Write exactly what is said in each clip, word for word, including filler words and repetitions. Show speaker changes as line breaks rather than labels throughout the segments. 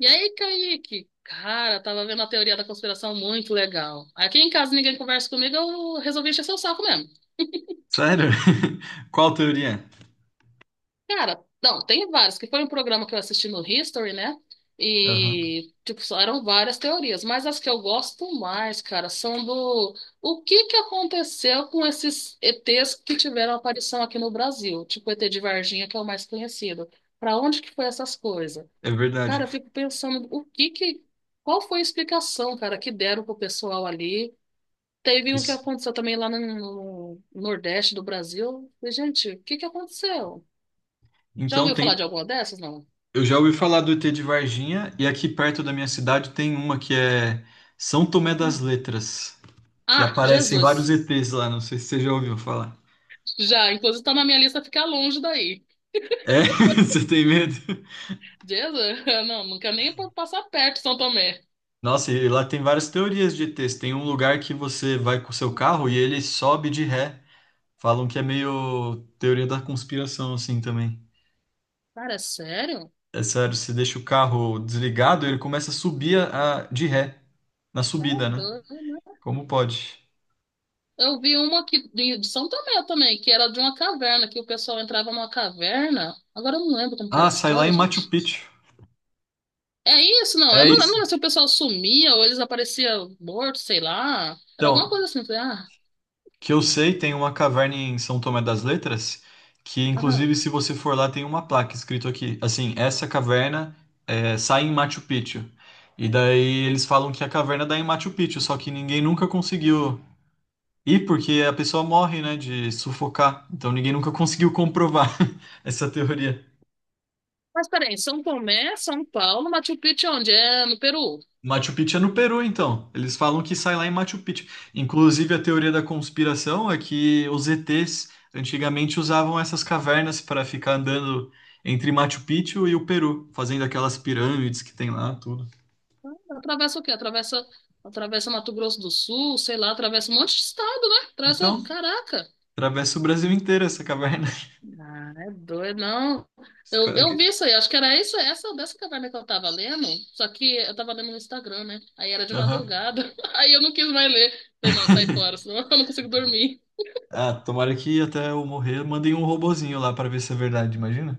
E aí, Kaique? Cara, tava vendo a teoria da conspiração muito legal. Aqui em casa ninguém conversa comigo, eu resolvi encher seu saco mesmo.
Sério? Qual teoria?
Cara, não, tem vários, que foi um programa que eu assisti no History, né?
Aham.
E, tipo, só eram várias teorias, mas as que eu gosto mais, cara, são do o que que aconteceu com esses E Ts que tiveram aparição aqui no Brasil, tipo o E T de Varginha, que é o mais conhecido. Pra onde que foi essas coisas?
É verdade.
Cara, eu fico pensando o que que, qual foi a explicação, cara, que deram pro pessoal ali. Teve um que
Pois-
aconteceu também lá no, no Nordeste do Brasil. Falei: gente, o que que aconteceu? Já
Então
ouviu falar
tem.
de alguma dessas, não?
Eu já ouvi falar do E T de Varginha e aqui perto da minha cidade tem uma que é São Tomé das
Hum.
Letras, que
Ah,
aparecem vários
Jesus.
E Ts lá. Não sei se você já ouviu falar.
Já, inclusive tá na minha lista ficar longe daí.
É? Você tem medo?
Jesus, não, nunca nem pa- passar perto de São Tomé.
Nossa, e lá tem várias teorias de E Ts. Tem um lugar que você vai com o seu
Hum.
carro e ele sobe de ré. Falam que é meio teoria da conspiração assim também.
Cara, é sério?
É sério, se deixa o carro desligado, ele começa a subir a, a- de ré, na
É
subida, né?
doido.
Como pode?
Eu vi uma aqui de de São Tomé também, que era de uma caverna, que o pessoal entrava numa caverna. Agora eu não lembro como que era a
Ah, sai lá em
história,
Machu
gente.
Picchu.
É isso, não. Eu
É
não
isso.
lembro se o pessoal sumia ou eles apareciam mortos, sei lá. Era alguma
Então,
coisa assim. Eu falei: ah.
que eu sei, tem uma caverna em São Tomé das Letras, que inclusive
Aham.
se você for lá tem uma placa escrito aqui, assim, essa caverna é, sai em Machu Picchu. E daí eles falam que a caverna dá em Machu Picchu, só que ninguém nunca conseguiu ir porque a pessoa morre, né, de sufocar. Então ninguém nunca conseguiu comprovar essa teoria.
Mas peraí, São Tomé, São Paulo, Machu Picchu, é onde? É no Peru.
Machu Picchu é no Peru, então. Eles falam que sai lá em Machu Picchu. Inclusive, a teoria da conspiração é que os E Ts antigamente usavam essas cavernas para ficar andando entre Machu Picchu e o Peru, fazendo aquelas pirâmides que tem lá, tudo.
Atravessa o quê? Atravessa, atravessa Mato Grosso do Sul, sei lá, atravessa um monte de estado, né? Atravessa,
Então,
caraca.
atravessa o Brasil inteiro essa caverna.
Ah, é doido, não. Eu,
Espero
eu
que.
vi isso aí, acho que era isso, essa dessa caverna que eu tava lendo, só que eu tava lendo no Instagram, né? Aí era de
Aham.
madrugada, aí eu não quis mais ler. Falei: não, sai fora, senão eu não consigo dormir.
Ah, tomara que até eu morrer mandem um robozinho lá para ver se é verdade, imagina?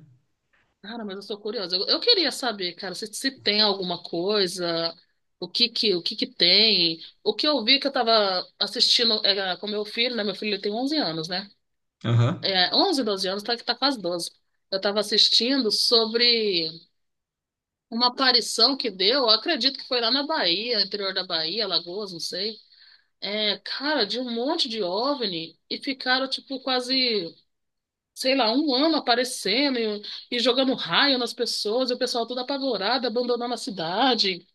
Cara, mas eu sou curiosa. Eu, eu queria saber, cara, se, se tem alguma coisa, o que que, o que que tem. O que eu vi que eu tava assistindo é, com meu filho, né? Meu filho ele tem onze anos, né?
Aham.
É, onze doze anos, tá que tá quase doze. Eu tava assistindo sobre. Uma aparição que deu, eu acredito que foi lá na Bahia, interior da Bahia, Alagoas, não sei. É, cara, de um monte de óvni e ficaram, tipo, quase, sei lá, um ano aparecendo e, e jogando raio nas pessoas, e o pessoal todo apavorado, abandonando a cidade.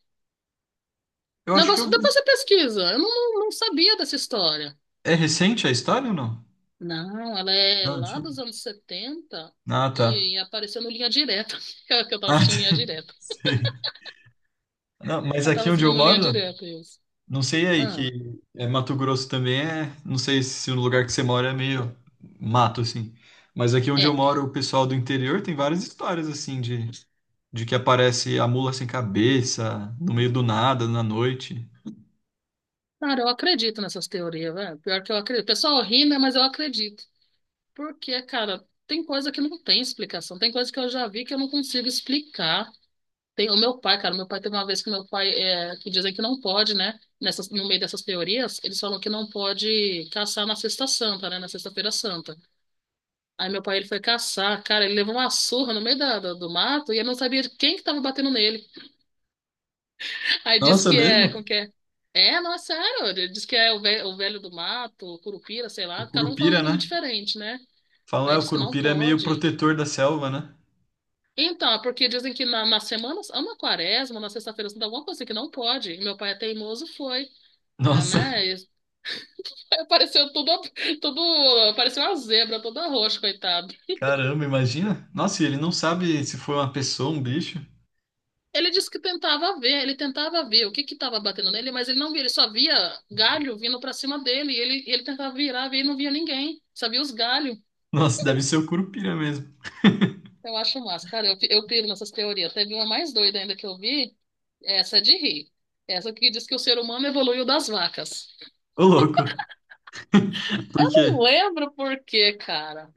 Eu acho que
Negócio,
eu vi.
depois você pesquisa, eu não, não não sabia dessa história.
É recente a história ou não?
Não, ela é
Não,
lá
antigo.
dos anos setenta
Ah, tá.
e, e apareceu no Linha Direta, que eu tava
Ah,
assistindo Linha
tá.
Direta.
Sei. Não, mas
Eu tava
aqui onde eu
assistindo Linha
moro,
Direta, isso.
não sei aí
Ah,
que é Mato Grosso também é, não sei se no lugar que você mora é meio mato assim. Mas aqui onde eu
é.
moro, o pessoal do interior tem várias histórias assim de, de que aparece a mula sem cabeça no meio do nada na noite.
Cara, eu acredito nessas teorias, velho. Pior que eu acredito. O pessoal ri, né? Mas eu acredito. Porque, cara, tem coisa que não tem explicação. Tem coisa que eu já vi que eu não consigo explicar. Tem o meu pai, cara. Meu pai teve uma vez que meu pai, é, que dizem que não pode, né? Nessas, no meio dessas teorias, eles falam que não pode caçar na Sexta Santa, né? Na Sexta-feira Santa. Aí meu pai, ele foi caçar, cara. Ele levou uma surra no meio da, do, do mato e ele não sabia de quem que tava batendo nele. Aí diz
Nossa,
que é,
mesmo?
como que é? É, não, é sério. Diz que é o velho, o velho do mato, o curupira, sei
O
lá. Cada um fala um
curupira,
nome
né?
diferente, né?
Falam,
Aí
é, o
diz que não
curupira é meio
pode.
protetor da selva, né?
Então, é porque dizem que na, nas semanas, ou na quaresma, na sexta-feira, santa, alguma coisa assim que não pode. E meu pai é teimoso, foi. Né?
Nossa,
né? E apareceu tudo, tudo, apareceu uma zebra toda roxa, coitado.
caramba, imagina? Nossa, e ele não sabe se foi uma pessoa, um bicho.
Ele disse que tentava ver, ele tentava ver o que que estava batendo nele, mas ele não via, ele só via galho vindo para cima dele. E ele, ele tentava virar, ver e não via ninguém. Só via os galhos.
Nossa, deve ser o curupira mesmo.
Eu acho massa, cara. Eu, eu piro nessas teorias. Teve uma mais doida ainda que eu vi. Essa é de rir. Essa que diz que o ser humano evoluiu das vacas.
Ô, louco. Por
Não
quê?
lembro por quê, cara.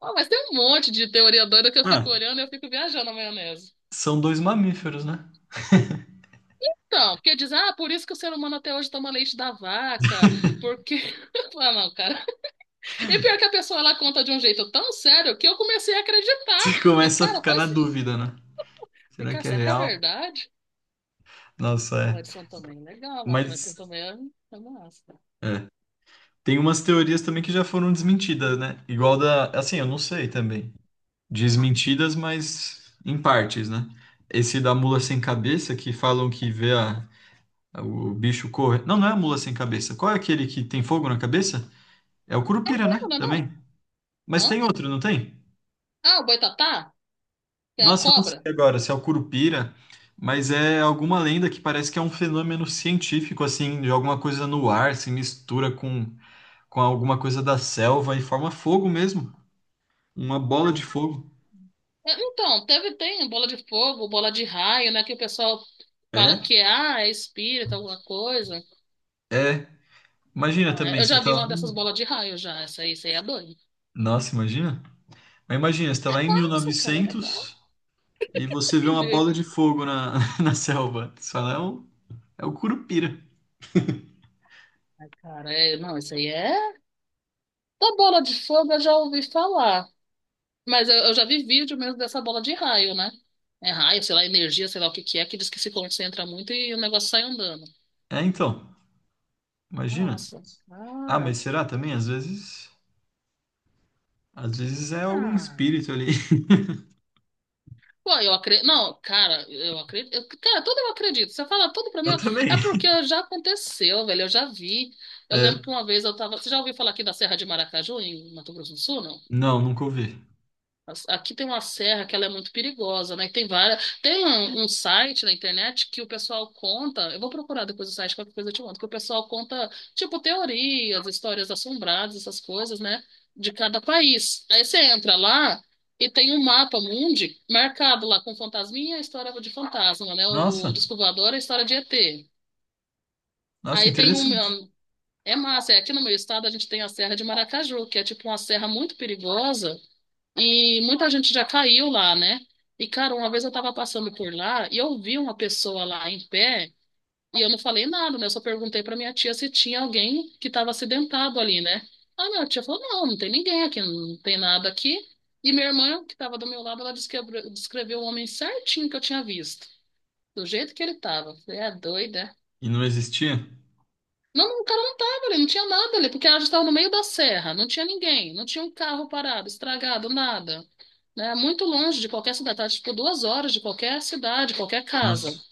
Ó, mas tem um monte de teoria doida que eu fico
Ah,
olhando e eu fico viajando na maionese.
são dois mamíferos, né?
Então, porque diz: ah, por isso que o ser humano até hoje toma leite da vaca, porque... Ah, não, cara. E pior que a pessoa, ela conta de um jeito tão sério que eu comecei a
Você
acreditar. E,
começa a
cara,
ficar
faz...
na dúvida, né?
E,
Será
cara,
que é
será que é
real?
verdade?
Nossa,
O
é.
Edson também é legal, mas o Edson
Mas
também é é massa.
é. Tem umas teorias também que já foram desmentidas, né? Igual da. Assim, eu não sei também.
Hum.
Desmentidas, mas em partes, né? Esse da mula sem cabeça, que falam que vê a, a- o bicho correr. Não, não é a mula sem cabeça. Qual é aquele que tem fogo na cabeça? É o curupira, né?
Não, não, é
Também.
não.
Mas tem
Hã?
outro, não tem?
Ah, o boitatá? Que é a
Nossa, eu não sei
cobra?
agora se é o Curupira, mas é alguma lenda que parece que é um fenômeno científico, assim, de alguma coisa no ar, se mistura com, com alguma coisa da selva e forma fogo mesmo. Uma bola de fogo.
É, então, teve, tem bola de fogo, bola de raio, né? Que o pessoal fala
É,
que é, ah, é espírito, alguma coisa.
é. Imagina
Ah, é-
também,
eu
você
já
tá
vi
lá.
uma dessas bolas de raio já. Essa aí, isso aí é doido.
Nossa, imagina. Mas imagina, você tá
É
lá em
massa, cara, é
mil e novecentos
legal.
e novecentos e
É
você vê
de
uma
ver.
bola de fogo na, na selva. Você fala, é o, é o Curupira.
Cara, é, não, isso aí é. Da bola de fogo eu já ouvi falar. Mas eu, eu já vi vídeo mesmo dessa bola de raio, né? É raio, sei lá, energia, sei lá o que que é, que diz que se concentra muito e o negócio sai andando.
É, então. Imagina.
Nossa,
Ah,
cara.
mas será também? Às vezes. Às vezes é algum
Ah.
espírito ali.
Pô, eu acredito. Não, cara, eu acredito. eu- Cara, tudo eu acredito. Você fala tudo pra mim.
Eu
eu-
também.
É porque já aconteceu, velho. Eu já vi. Eu lembro
É,
que uma vez eu tava. Você já ouviu falar aqui da Serra de Maracaju, em Mato Grosso do Sul, não?
não, nunca ouvi.
As- Aqui tem uma serra que ela é muito perigosa, né? Tem várias. Tem um, um site na internet que o pessoal conta. Eu vou procurar depois o site, qualquer coisa eu te conto. Que o pessoal conta, tipo, teorias, histórias assombradas, essas coisas, né? De cada país. Aí você entra lá e tem um mapa mundi marcado lá com fantasminha, a história de fantasma, né? O, o
Nossa,
disco voador, é a história de E T.
nossa,
Aí tem
interessante.
um. É massa, é aqui no meu estado a gente tem a Serra de Maracaju, que é tipo uma serra muito perigosa e muita gente já caiu lá, né? E, cara, uma vez eu tava passando por lá e eu vi uma pessoa lá em pé e eu não falei nada, né? Eu só perguntei pra minha tia se tinha alguém que tava acidentado ali, né? Aí minha tia falou: não, não tem ninguém aqui, não tem nada aqui. E minha irmã, que tava do meu lado, ela descreve- descreveu o homem certinho que eu tinha visto, do jeito que ele tava. Eu falei: é doida.
E não existia?
Não, não, o cara não tava ali, não tinha nada ali, porque ela já estava no meio da serra, não tinha ninguém, não tinha um carro parado, estragado, nada, né, muito longe de qualquer cidade, tá, tipo duas horas de qualquer cidade, qualquer casa.
Nossa,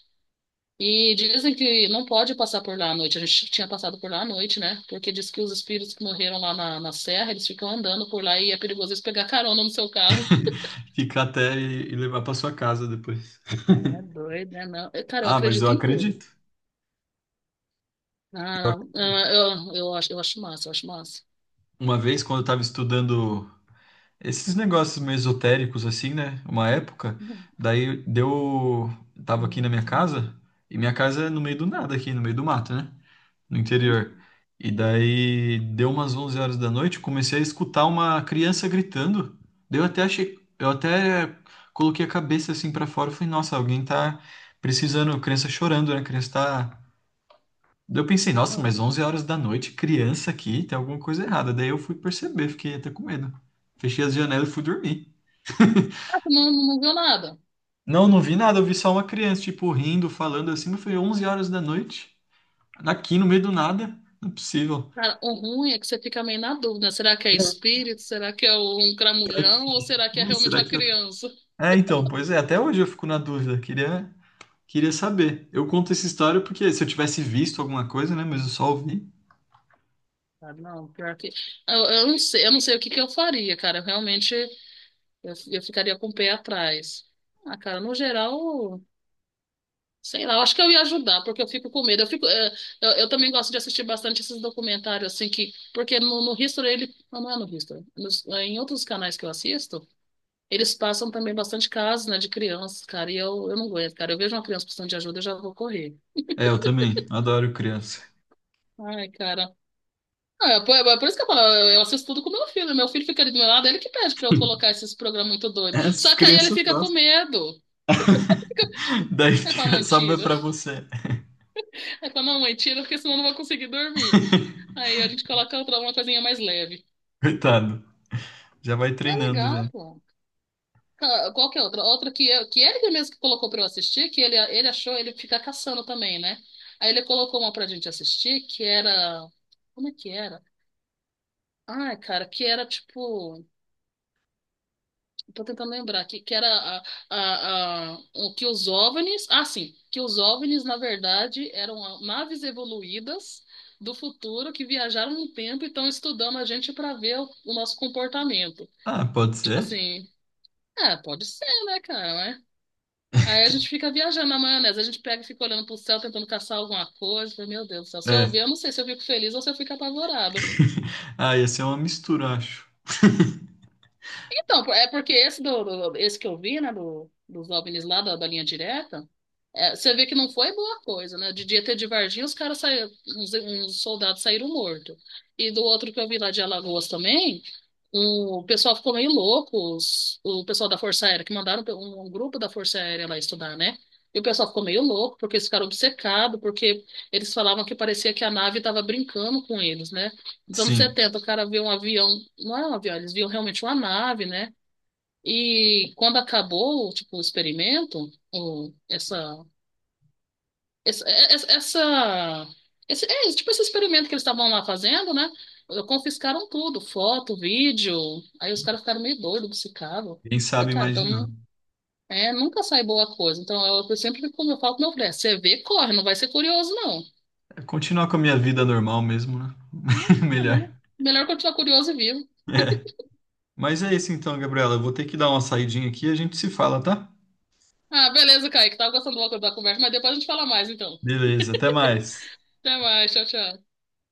E dizem que não pode passar por lá à noite. A gente tinha passado por lá à noite, né? Porque diz que os espíritos que morreram lá na, na serra, eles ficam andando por lá e é perigoso eles pegar carona no seu carro.
ficar até e, e levar para sua casa depois.
É doido, né? Não. Eu, Cara, eu
Ah, mas eu
acredito em tudo.
acredito. Eu
Ah, não.
acredito.
Ah, eu, eu acho, eu acho massa, eu acho massa.
Uma vez, quando eu estava estudando esses negócios meio esotéricos, assim, né? Uma época,
Uhum.
daí deu. Tava aqui na minha casa, e minha casa é no meio do nada, aqui no meio do mato, né? No interior. E daí deu umas onze horas da noite, comecei a escutar uma criança gritando. Daí eu até achei, eu até coloquei a cabeça assim pra fora e falei, nossa, alguém tá precisando, criança chorando, né? Criança tá. Daí eu pensei, nossa, mas onze horas da noite, criança aqui, tem alguma coisa errada. Daí eu fui perceber, fiquei até com medo. Fechei as janelas e fui dormir.
Ah, tu não, não viu nada.
Não, não vi nada, eu vi só uma criança, tipo, rindo, falando assim, mas foi onze horas da noite, aqui no meio do nada, não é possível.
Cara, o ruim é que você fica meio na dúvida. Será que é espírito? Será que é um
Será
cramulhão? Ou será que é
que,
realmente
será
uma
que
criança?
é, então, pois é, até hoje eu fico na dúvida, queria, queria saber. Eu conto essa história porque se eu tivesse visto alguma coisa, né, mas eu só ouvi.
Ah, não, pior que... Eu, eu não sei, eu não sei o que que eu faria, cara. Eu realmente eu, eu ficaria com o pé atrás. Ah, cara, no geral, sei lá, eu acho que eu ia ajudar, porque eu fico com medo. Eu fico, eh, eu, eu também gosto de assistir bastante esses documentários, assim, que. Porque no, no History, ele. Não, não é no History. Nos- é em outros canais que eu assisto, eles passam também bastante casos, né, de crianças, cara. E eu, eu não aguento, cara. Eu vejo uma criança precisando de ajuda, eu já vou correr.
É, eu também, adoro criança.
Ai, cara. É, por, é por isso que eu falo, eu eu assisto tudo com meu filho. Meu filho fica ali do meu lado, ele que pede pra eu colocar esses programas muito doidos.
As
Só que aí ele
crianças
fica com
gostam.
medo.
Daí
Aí fala:
fica
mãe,
só meu
tira.
pra você.
Aí fala: não, mãe, tira, porque senão eu não vou conseguir dormir. Aí a gente coloca outra, uma coisinha mais leve.
Coitado, já vai
É
treinando
legal,
já.
pô. Ca- Qual que é outra? Outra que, eu, que ele mesmo que colocou pra eu assistir, que ele, ele achou, ele fica caçando também, né? Aí ele colocou uma pra gente assistir, que era... Como é que era? Ai, cara, que era tipo... Tô tentando lembrar que, que era a, a, a, o que os O V N Is. Ah, sim, que os O V N Is, na verdade, eram naves evoluídas do futuro que viajaram no tempo e estão estudando a gente para ver o, o nosso comportamento.
Ah, pode
Tipo
ser?
assim, é, pode ser, né, cara, né? Aí a gente fica viajando na maionese, a gente pega e fica olhando pro céu, tentando caçar alguma coisa. Fala: meu Deus do céu, se eu
É.
ver, eu não sei se eu fico feliz ou se eu fico apavorado.
Ah, ia ser uma mistura, acho.
Então, é porque esse, do, do- esse que eu vi, né, do, dos óvnis lá da, da linha direta, é, você vê que não foi boa coisa, né? De dia ter de Varginha, os caras saíram, uns, uns soldados saíram mortos. E do outro que eu vi lá de Alagoas também, um- o pessoal ficou meio louco, os- o pessoal da Força Aérea, que mandaram um, um grupo da Força Aérea lá estudar, né? E o pessoal ficou meio louco, porque eles ficaram obcecados, porque eles falavam que parecia que a nave estava brincando com eles, né? Nos anos
Sim,
setenta o cara vê um avião, não é um avião, eles viam realmente uma nave, né? E quando acabou, tipo, o experimento, o, essa, essa, essa, essa- esse, é, tipo, esse experimento que eles estavam lá fazendo, né? Confiscaram tudo, foto, vídeo. Aí os caras ficaram meio doidos, obcecados.
quem
Falei:
sabe
cara, então,
imaginar.
não- é, nunca sai boa coisa. Então, eu, eu sempre, como eu falo com meu filho, é, você vê, corre, não vai ser curioso, não.
É, continuar com a minha vida normal mesmo, né?
É, tá
Melhor.
bom. Melhor continuar curioso e vivo.
É. Mas é isso então, Gabriela. Eu vou ter que dar uma saidinha aqui e a gente se fala, tá?
Ah, beleza, Kaique, tava gostando da da conversa, mas depois a gente fala mais, então.
Beleza, até mais.
Até mais, tchau, tchau.